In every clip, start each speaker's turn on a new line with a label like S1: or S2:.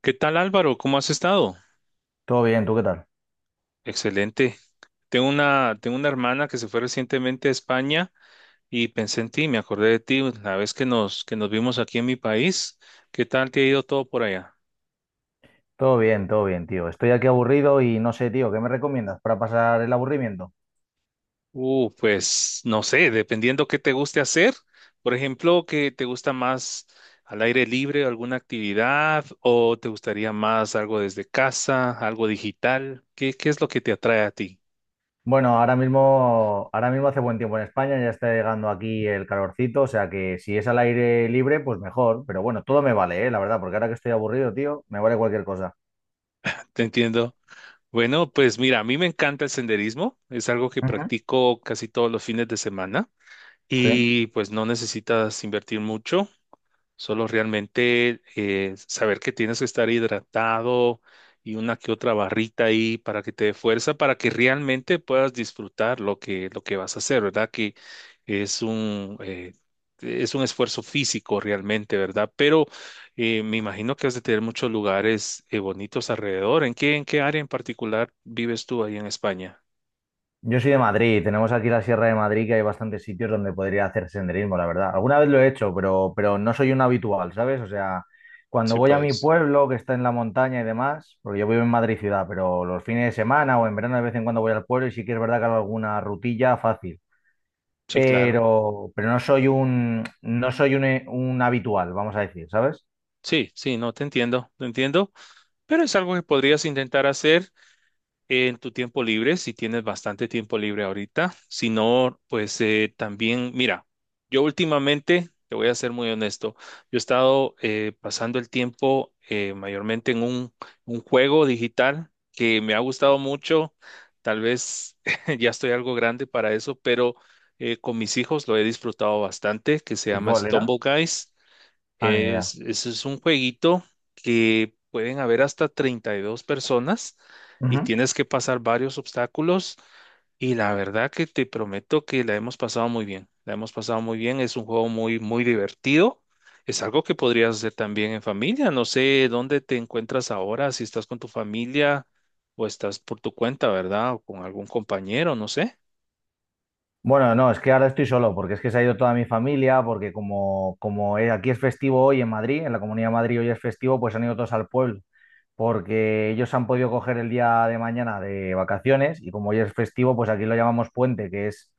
S1: ¿Qué tal, Álvaro? ¿Cómo has estado?
S2: Todo bien, ¿tú qué tal?
S1: Excelente. Tengo una hermana que se fue recientemente a España y pensé en ti, me acordé de ti la vez que nos vimos aquí en mi país. ¿Qué tal te ha ido todo por allá?
S2: Todo bien, tío. Estoy aquí aburrido y no sé, tío, ¿qué me recomiendas para pasar el aburrimiento?
S1: Pues no sé, dependiendo qué te guste hacer. Por ejemplo, ¿qué te gusta más, al aire libre, alguna actividad, o te gustaría más algo desde casa, algo digital? ¿Qué es lo que te atrae a ti?
S2: Bueno, ahora mismo hace buen tiempo en España, ya está llegando aquí el calorcito, o sea que si es al aire libre, pues mejor. Pero bueno, todo me vale, la verdad, porque ahora que estoy aburrido, tío, me vale cualquier cosa.
S1: Te entiendo. Bueno, pues mira, a mí me encanta el senderismo, es algo que
S2: Ujú.
S1: practico casi todos los fines de semana
S2: Sí.
S1: y pues no necesitas invertir mucho. Solo realmente saber que tienes que estar hidratado y una que otra barrita ahí para que te dé fuerza, para que realmente puedas disfrutar lo que vas a hacer, ¿verdad? Que es un, eh, es un esfuerzo físico realmente, ¿verdad? Pero me imagino que has de tener muchos lugares bonitos alrededor. En qué área en particular vives tú ahí en España?
S2: Yo soy de Madrid, tenemos aquí la Sierra de Madrid que hay bastantes sitios donde podría hacer senderismo, la verdad. Alguna vez lo he hecho, pero no soy un habitual, ¿sabes? O sea, cuando
S1: Sí,
S2: voy a mi
S1: pues.
S2: pueblo, que está en la montaña y demás, porque yo vivo en Madrid ciudad, pero los fines de semana o en verano de vez en cuando voy al pueblo y sí que es verdad que hago alguna rutilla fácil,
S1: Sí, claro.
S2: pero, pero no soy un, un habitual, vamos a decir, ¿sabes?
S1: Sí, sí, no, te entiendo, te entiendo. Pero es algo que podrías intentar hacer en tu tiempo libre, si tienes bastante tiempo libre ahorita. Si no, pues también, mira, yo últimamente, te voy a ser muy honesto, yo he estado pasando el tiempo mayormente en un juego digital que me ha gustado mucho. Tal vez ya estoy algo grande para eso, pero con mis hijos lo he disfrutado bastante, que se
S2: ¿Y
S1: llama
S2: cuál era?
S1: Stumble Guys.
S2: Ah, ni idea.
S1: Es, ese es un jueguito que pueden haber hasta 32 personas y
S2: Ujú.
S1: tienes que pasar varios obstáculos. Y la verdad que te prometo que la hemos pasado muy bien. La hemos pasado muy bien. Es un juego muy, muy divertido. Es algo que podrías hacer también en familia. No sé dónde te encuentras ahora, si estás con tu familia o estás por tu cuenta, ¿verdad? O con algún compañero, no sé.
S2: Bueno, no, es que ahora estoy solo, porque es que se ha ido toda mi familia, porque como aquí es festivo hoy en Madrid, en la Comunidad de Madrid hoy es festivo, pues han ido todos al pueblo, porque ellos han podido coger el día de mañana de vacaciones y como hoy es festivo, pues aquí lo llamamos puente, que es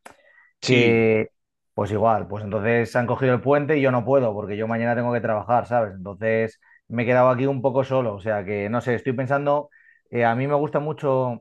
S1: Sí,
S2: que, pues igual, pues entonces han cogido el puente y yo no puedo, porque yo mañana tengo que trabajar, ¿sabes? Entonces me he quedado aquí un poco solo, o sea que no sé, estoy pensando, a mí me gusta mucho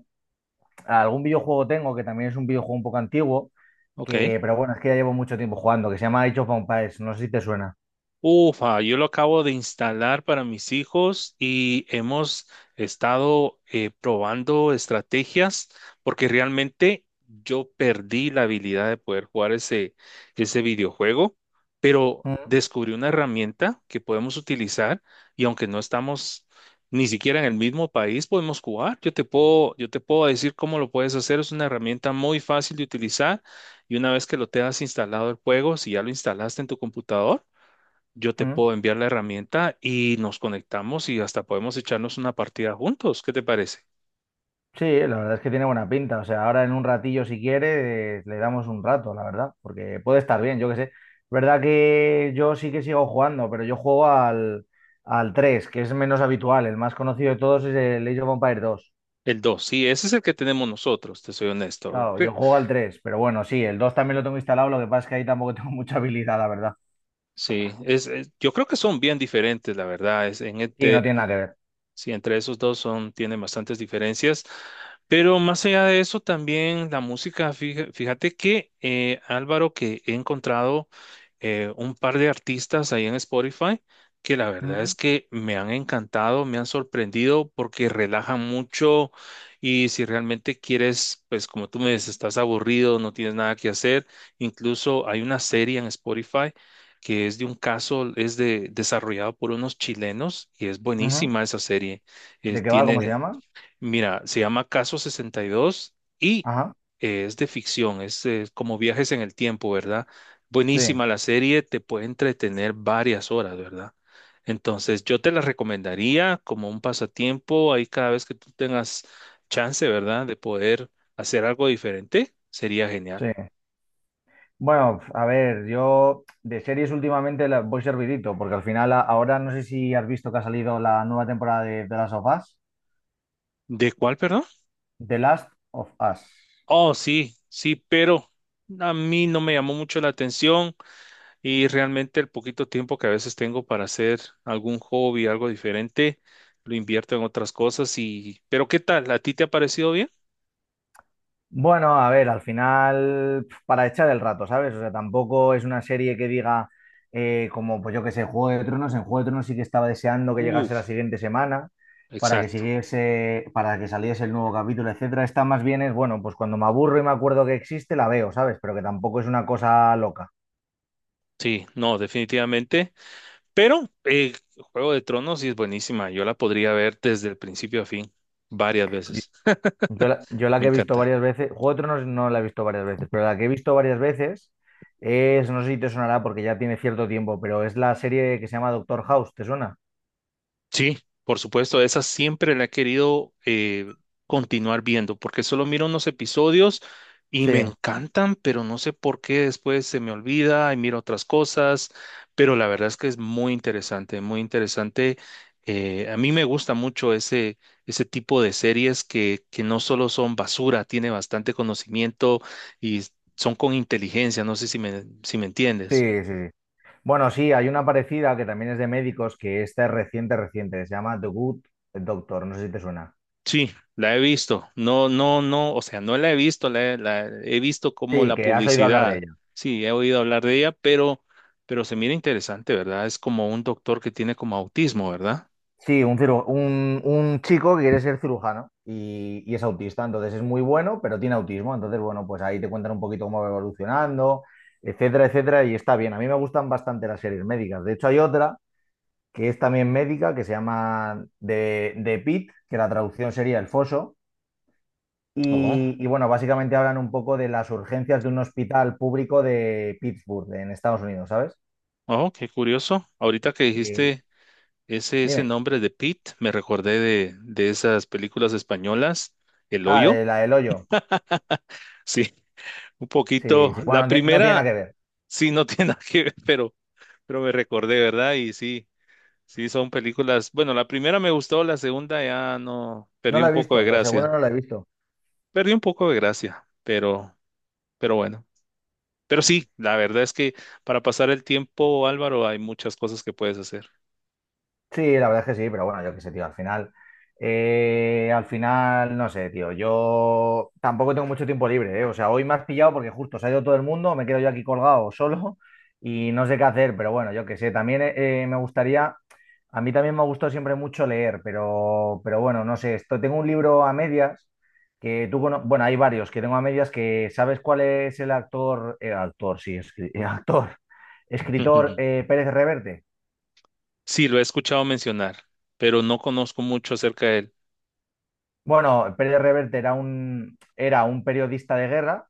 S2: algún videojuego tengo que también es un videojuego un poco antiguo,
S1: ok.
S2: pero bueno, es que ya llevo mucho tiempo jugando, que se llama Age of Empires, no sé si te suena.
S1: Ufa, yo lo acabo de instalar para mis hijos y hemos estado probando estrategias porque realmente yo perdí la habilidad de poder jugar ese, ese videojuego, pero
S2: Mm,
S1: descubrí una herramienta que podemos utilizar y aunque no estamos ni siquiera en el mismo país, podemos jugar. Yo te puedo decir cómo lo puedes hacer. Es una herramienta muy fácil de utilizar y una vez que lo tengas instalado el juego, si ya lo instalaste en tu computador, yo te
S2: mm.
S1: puedo enviar la herramienta y nos conectamos y hasta podemos echarnos una partida juntos. ¿Qué te parece?
S2: Sí, la verdad es que tiene buena pinta. O sea, ahora en un ratillo, si quiere, le damos un rato, la verdad, porque puede estar bien, yo qué sé. Es verdad que yo sí que sigo jugando, pero yo juego al 3 que es menos habitual. El más conocido de todos es el Age of Empires dos.
S1: El dos. Sí, ese es el que tenemos nosotros, te soy honesto.
S2: Claro,
S1: Sí,
S2: yo juego al 3 pero bueno, sí, el 2 también lo tengo instalado, lo que pasa es que ahí tampoco tengo mucha habilidad, la verdad.
S1: sí, es, yo creo que son bien diferentes, la verdad. Es, en
S2: Y no
S1: este,
S2: tiene nada que ver.
S1: sí, entre esos dos son, tienen bastantes diferencias. Pero más allá de eso, también la música, fíjate que Álvaro, que he encontrado un par de artistas ahí en Spotify que la verdad
S2: Mm,
S1: es que me han encantado, me han sorprendido porque relajan mucho y si realmente quieres, pues como tú me dices, estás aburrido, no tienes nada que hacer, incluso hay una serie en Spotify que es de un caso, es de, desarrollado por unos chilenos y es
S2: ujú.
S1: buenísima esa serie.
S2: ¿De qué va? ¿Cómo se
S1: Tiene,
S2: llama?
S1: mira, se llama Caso 62 y dos y
S2: Ajá,
S1: es de ficción, es como viajes en el tiempo, ¿verdad?
S2: sí,
S1: Buenísima la serie, te puede entretener varias horas, ¿verdad? Entonces, yo te la recomendaría como un pasatiempo, ahí cada vez que tú tengas chance, ¿verdad? De poder hacer algo diferente, sería genial.
S2: sí. Bueno, a ver, yo de series últimamente las voy servidito, porque al final ahora no sé si has visto que ha salido la nueva temporada de The Last of Us.
S1: ¿De cuál, perdón?
S2: The Last of Us.
S1: Oh, sí, sí, pero a mí no me llamó mucho la atención y realmente el poquito tiempo que a veces tengo para hacer algún hobby, algo diferente, lo invierto en otras cosas y... Pero ¿qué tal? ¿A ti te ha parecido bien?
S2: Bueno, a ver, al final, pf, para echar el rato, ¿sabes? O sea, tampoco es una serie que diga, como, pues yo que sé, Juego de Tronos. En Juego de Tronos sí que estaba deseando que llegase la
S1: Uf,
S2: siguiente semana para que
S1: exacto.
S2: siguiese, para que saliese el nuevo capítulo, etcétera. Esta más bien es, bueno, pues cuando me aburro y me acuerdo que existe, la veo, ¿sabes? Pero que tampoco es una cosa loca.
S1: Sí, no, definitivamente. Pero Juego de Tronos sí es buenísima. Yo la podría ver desde el principio a fin varias
S2: Yo
S1: veces.
S2: yo la, yo la
S1: Me
S2: que he visto
S1: encanta.
S2: varias veces, Juego de Tronos no la he visto varias veces, pero la que he visto varias veces es, no sé si te sonará porque ya tiene cierto tiempo, pero es la serie que se llama Doctor House, ¿te suena?
S1: Sí, por supuesto, esa siempre la he querido continuar viendo, porque solo miro unos episodios y
S2: Sí.
S1: me encantan, pero no sé por qué después se me olvida y miro otras cosas, pero la verdad es que es muy interesante, muy interesante. A mí me gusta mucho ese, ese tipo de series que no solo son basura, tiene bastante conocimiento y son con inteligencia, no sé si me, si me entiendes.
S2: Sí, sí, sí. Bueno, sí, hay una parecida que también es de médicos, que esta es reciente, reciente, que se llama The Good Doctor, no sé si te suena.
S1: Sí, la he visto. No, no, no, o sea, no la he visto, la he visto como
S2: Sí,
S1: la
S2: que has oído hablar de
S1: publicidad.
S2: ella.
S1: Sí, he oído hablar de ella, pero se mira interesante, ¿verdad? Es como un doctor que tiene como autismo, ¿verdad?
S2: Sí, un chico que quiere ser cirujano y es autista, entonces es muy bueno, pero tiene autismo, entonces bueno, pues ahí te cuentan un poquito cómo va evolucionando, etcétera, etcétera, y está bien. A mí me gustan bastante las series médicas. De hecho, hay otra que es también médica, que se llama The Pit, que la traducción sería El Foso.
S1: Oh,
S2: Bueno, básicamente hablan un poco de las urgencias de un hospital público de Pittsburgh, en Estados Unidos, ¿sabes?
S1: oh, qué curioso. Ahorita que
S2: Y-
S1: dijiste ese, ese
S2: dime.
S1: nombre de Pete, me recordé de esas películas españolas, El
S2: Ah,
S1: Hoyo.
S2: de la del hoyo.
S1: Sí, un
S2: Sí,
S1: poquito.
S2: sí.
S1: La
S2: Bueno, no, no tiene nada
S1: primera,
S2: que ver.
S1: sí, no tiene nada que ver, pero me recordé, ¿verdad? Y sí. Sí, son películas. Bueno, la primera me gustó, la segunda ya no,
S2: No
S1: perdí
S2: la
S1: un
S2: he
S1: poco
S2: visto.
S1: de
S2: La
S1: gracia.
S2: segunda no la he visto.
S1: Perdí un poco de gracia, pero bueno. Pero sí, la verdad es que para pasar el tiempo, Álvaro, hay muchas cosas que puedes hacer.
S2: Sí, la verdad es que sí, pero bueno, yo qué sé, tío, al final, no sé, tío, yo tampoco tengo mucho tiempo libre, ¿eh? O sea, hoy me has pillado porque justo se ha ido todo el mundo, me quedo yo aquí colgado solo y no sé qué hacer, pero bueno, yo qué sé, también me gustaría, a mí también me ha gustado siempre mucho leer, pero bueno, no sé, esto, tengo un libro a medias que bueno, hay varios que tengo a medias que, ¿sabes cuál es el actor, sí, actor, escritor Pérez Reverte?
S1: Sí, lo he escuchado mencionar, pero no conozco mucho acerca de él.
S2: Bueno, Pérez Reverte era era un periodista de guerra,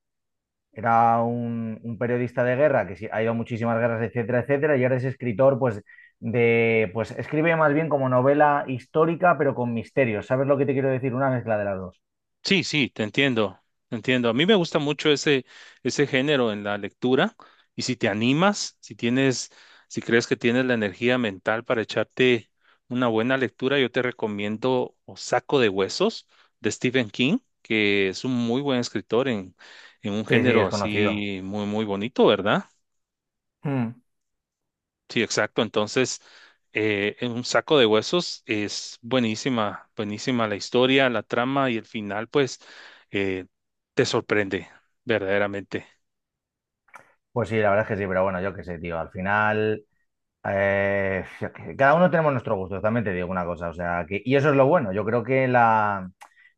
S2: era un periodista de guerra que sí, ha ido a muchísimas guerras, etcétera, etcétera, y ahora es escritor, pues, pues escribe más bien como novela histórica, pero con misterios. ¿Sabes lo que te quiero decir? Una mezcla de las dos.
S1: Sí, sí, te entiendo, te entiendo. A mí me gusta mucho ese, ese género en la lectura y si te animas, si tienes, si crees que tienes la energía mental para echarte una buena lectura, yo te recomiendo O Saco de Huesos de Stephen King, que es un muy buen escritor en un
S2: Sí, sí,
S1: género
S2: es conocido.
S1: así muy, muy bonito, ¿verdad?
S2: Mm.
S1: Sí, exacto. Entonces, en un saco de huesos es buenísima, buenísima la historia, la trama y el final, pues, eh, te sorprende, verdaderamente.
S2: Pues sí, la verdad es que sí, pero bueno, yo qué sé, tío. Al final. Yo qué sé, cada uno tenemos nuestro gusto, también te digo una cosa, o sea, que, y eso es lo bueno. Yo creo que la,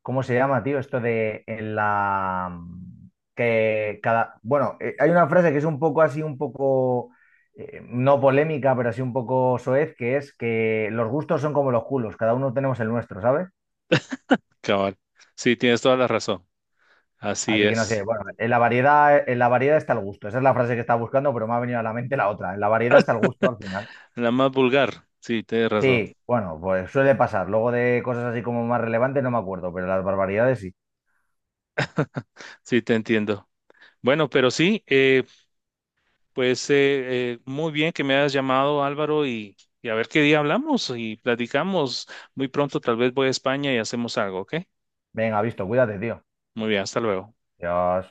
S2: ¿cómo se llama, tío? Esto de en la, que cada, bueno, hay una frase que es un poco así, un poco no polémica, pero así un poco soez, que es que los gustos son como los culos, cada uno tenemos el nuestro, ¿sabes?
S1: Cabal. Sí, tienes toda la razón. Así
S2: Así que no sé,
S1: es.
S2: bueno, en la variedad está el gusto. Esa es la frase que estaba buscando, pero me ha venido a la mente la otra. En la variedad está el gusto al final.
S1: La más vulgar. Sí, tienes razón.
S2: Sí, bueno, pues suele pasar. Luego de cosas así como más relevantes no me acuerdo, pero las barbaridades sí.
S1: Sí, te entiendo. Bueno, pero sí, pues muy bien que me hayas llamado, Álvaro, y a ver qué día hablamos y platicamos. Muy pronto tal vez voy a España y hacemos algo, ¿ok?
S2: Venga, visto, cuídate, tío.
S1: Muy bien, hasta luego.
S2: ¡Adiós!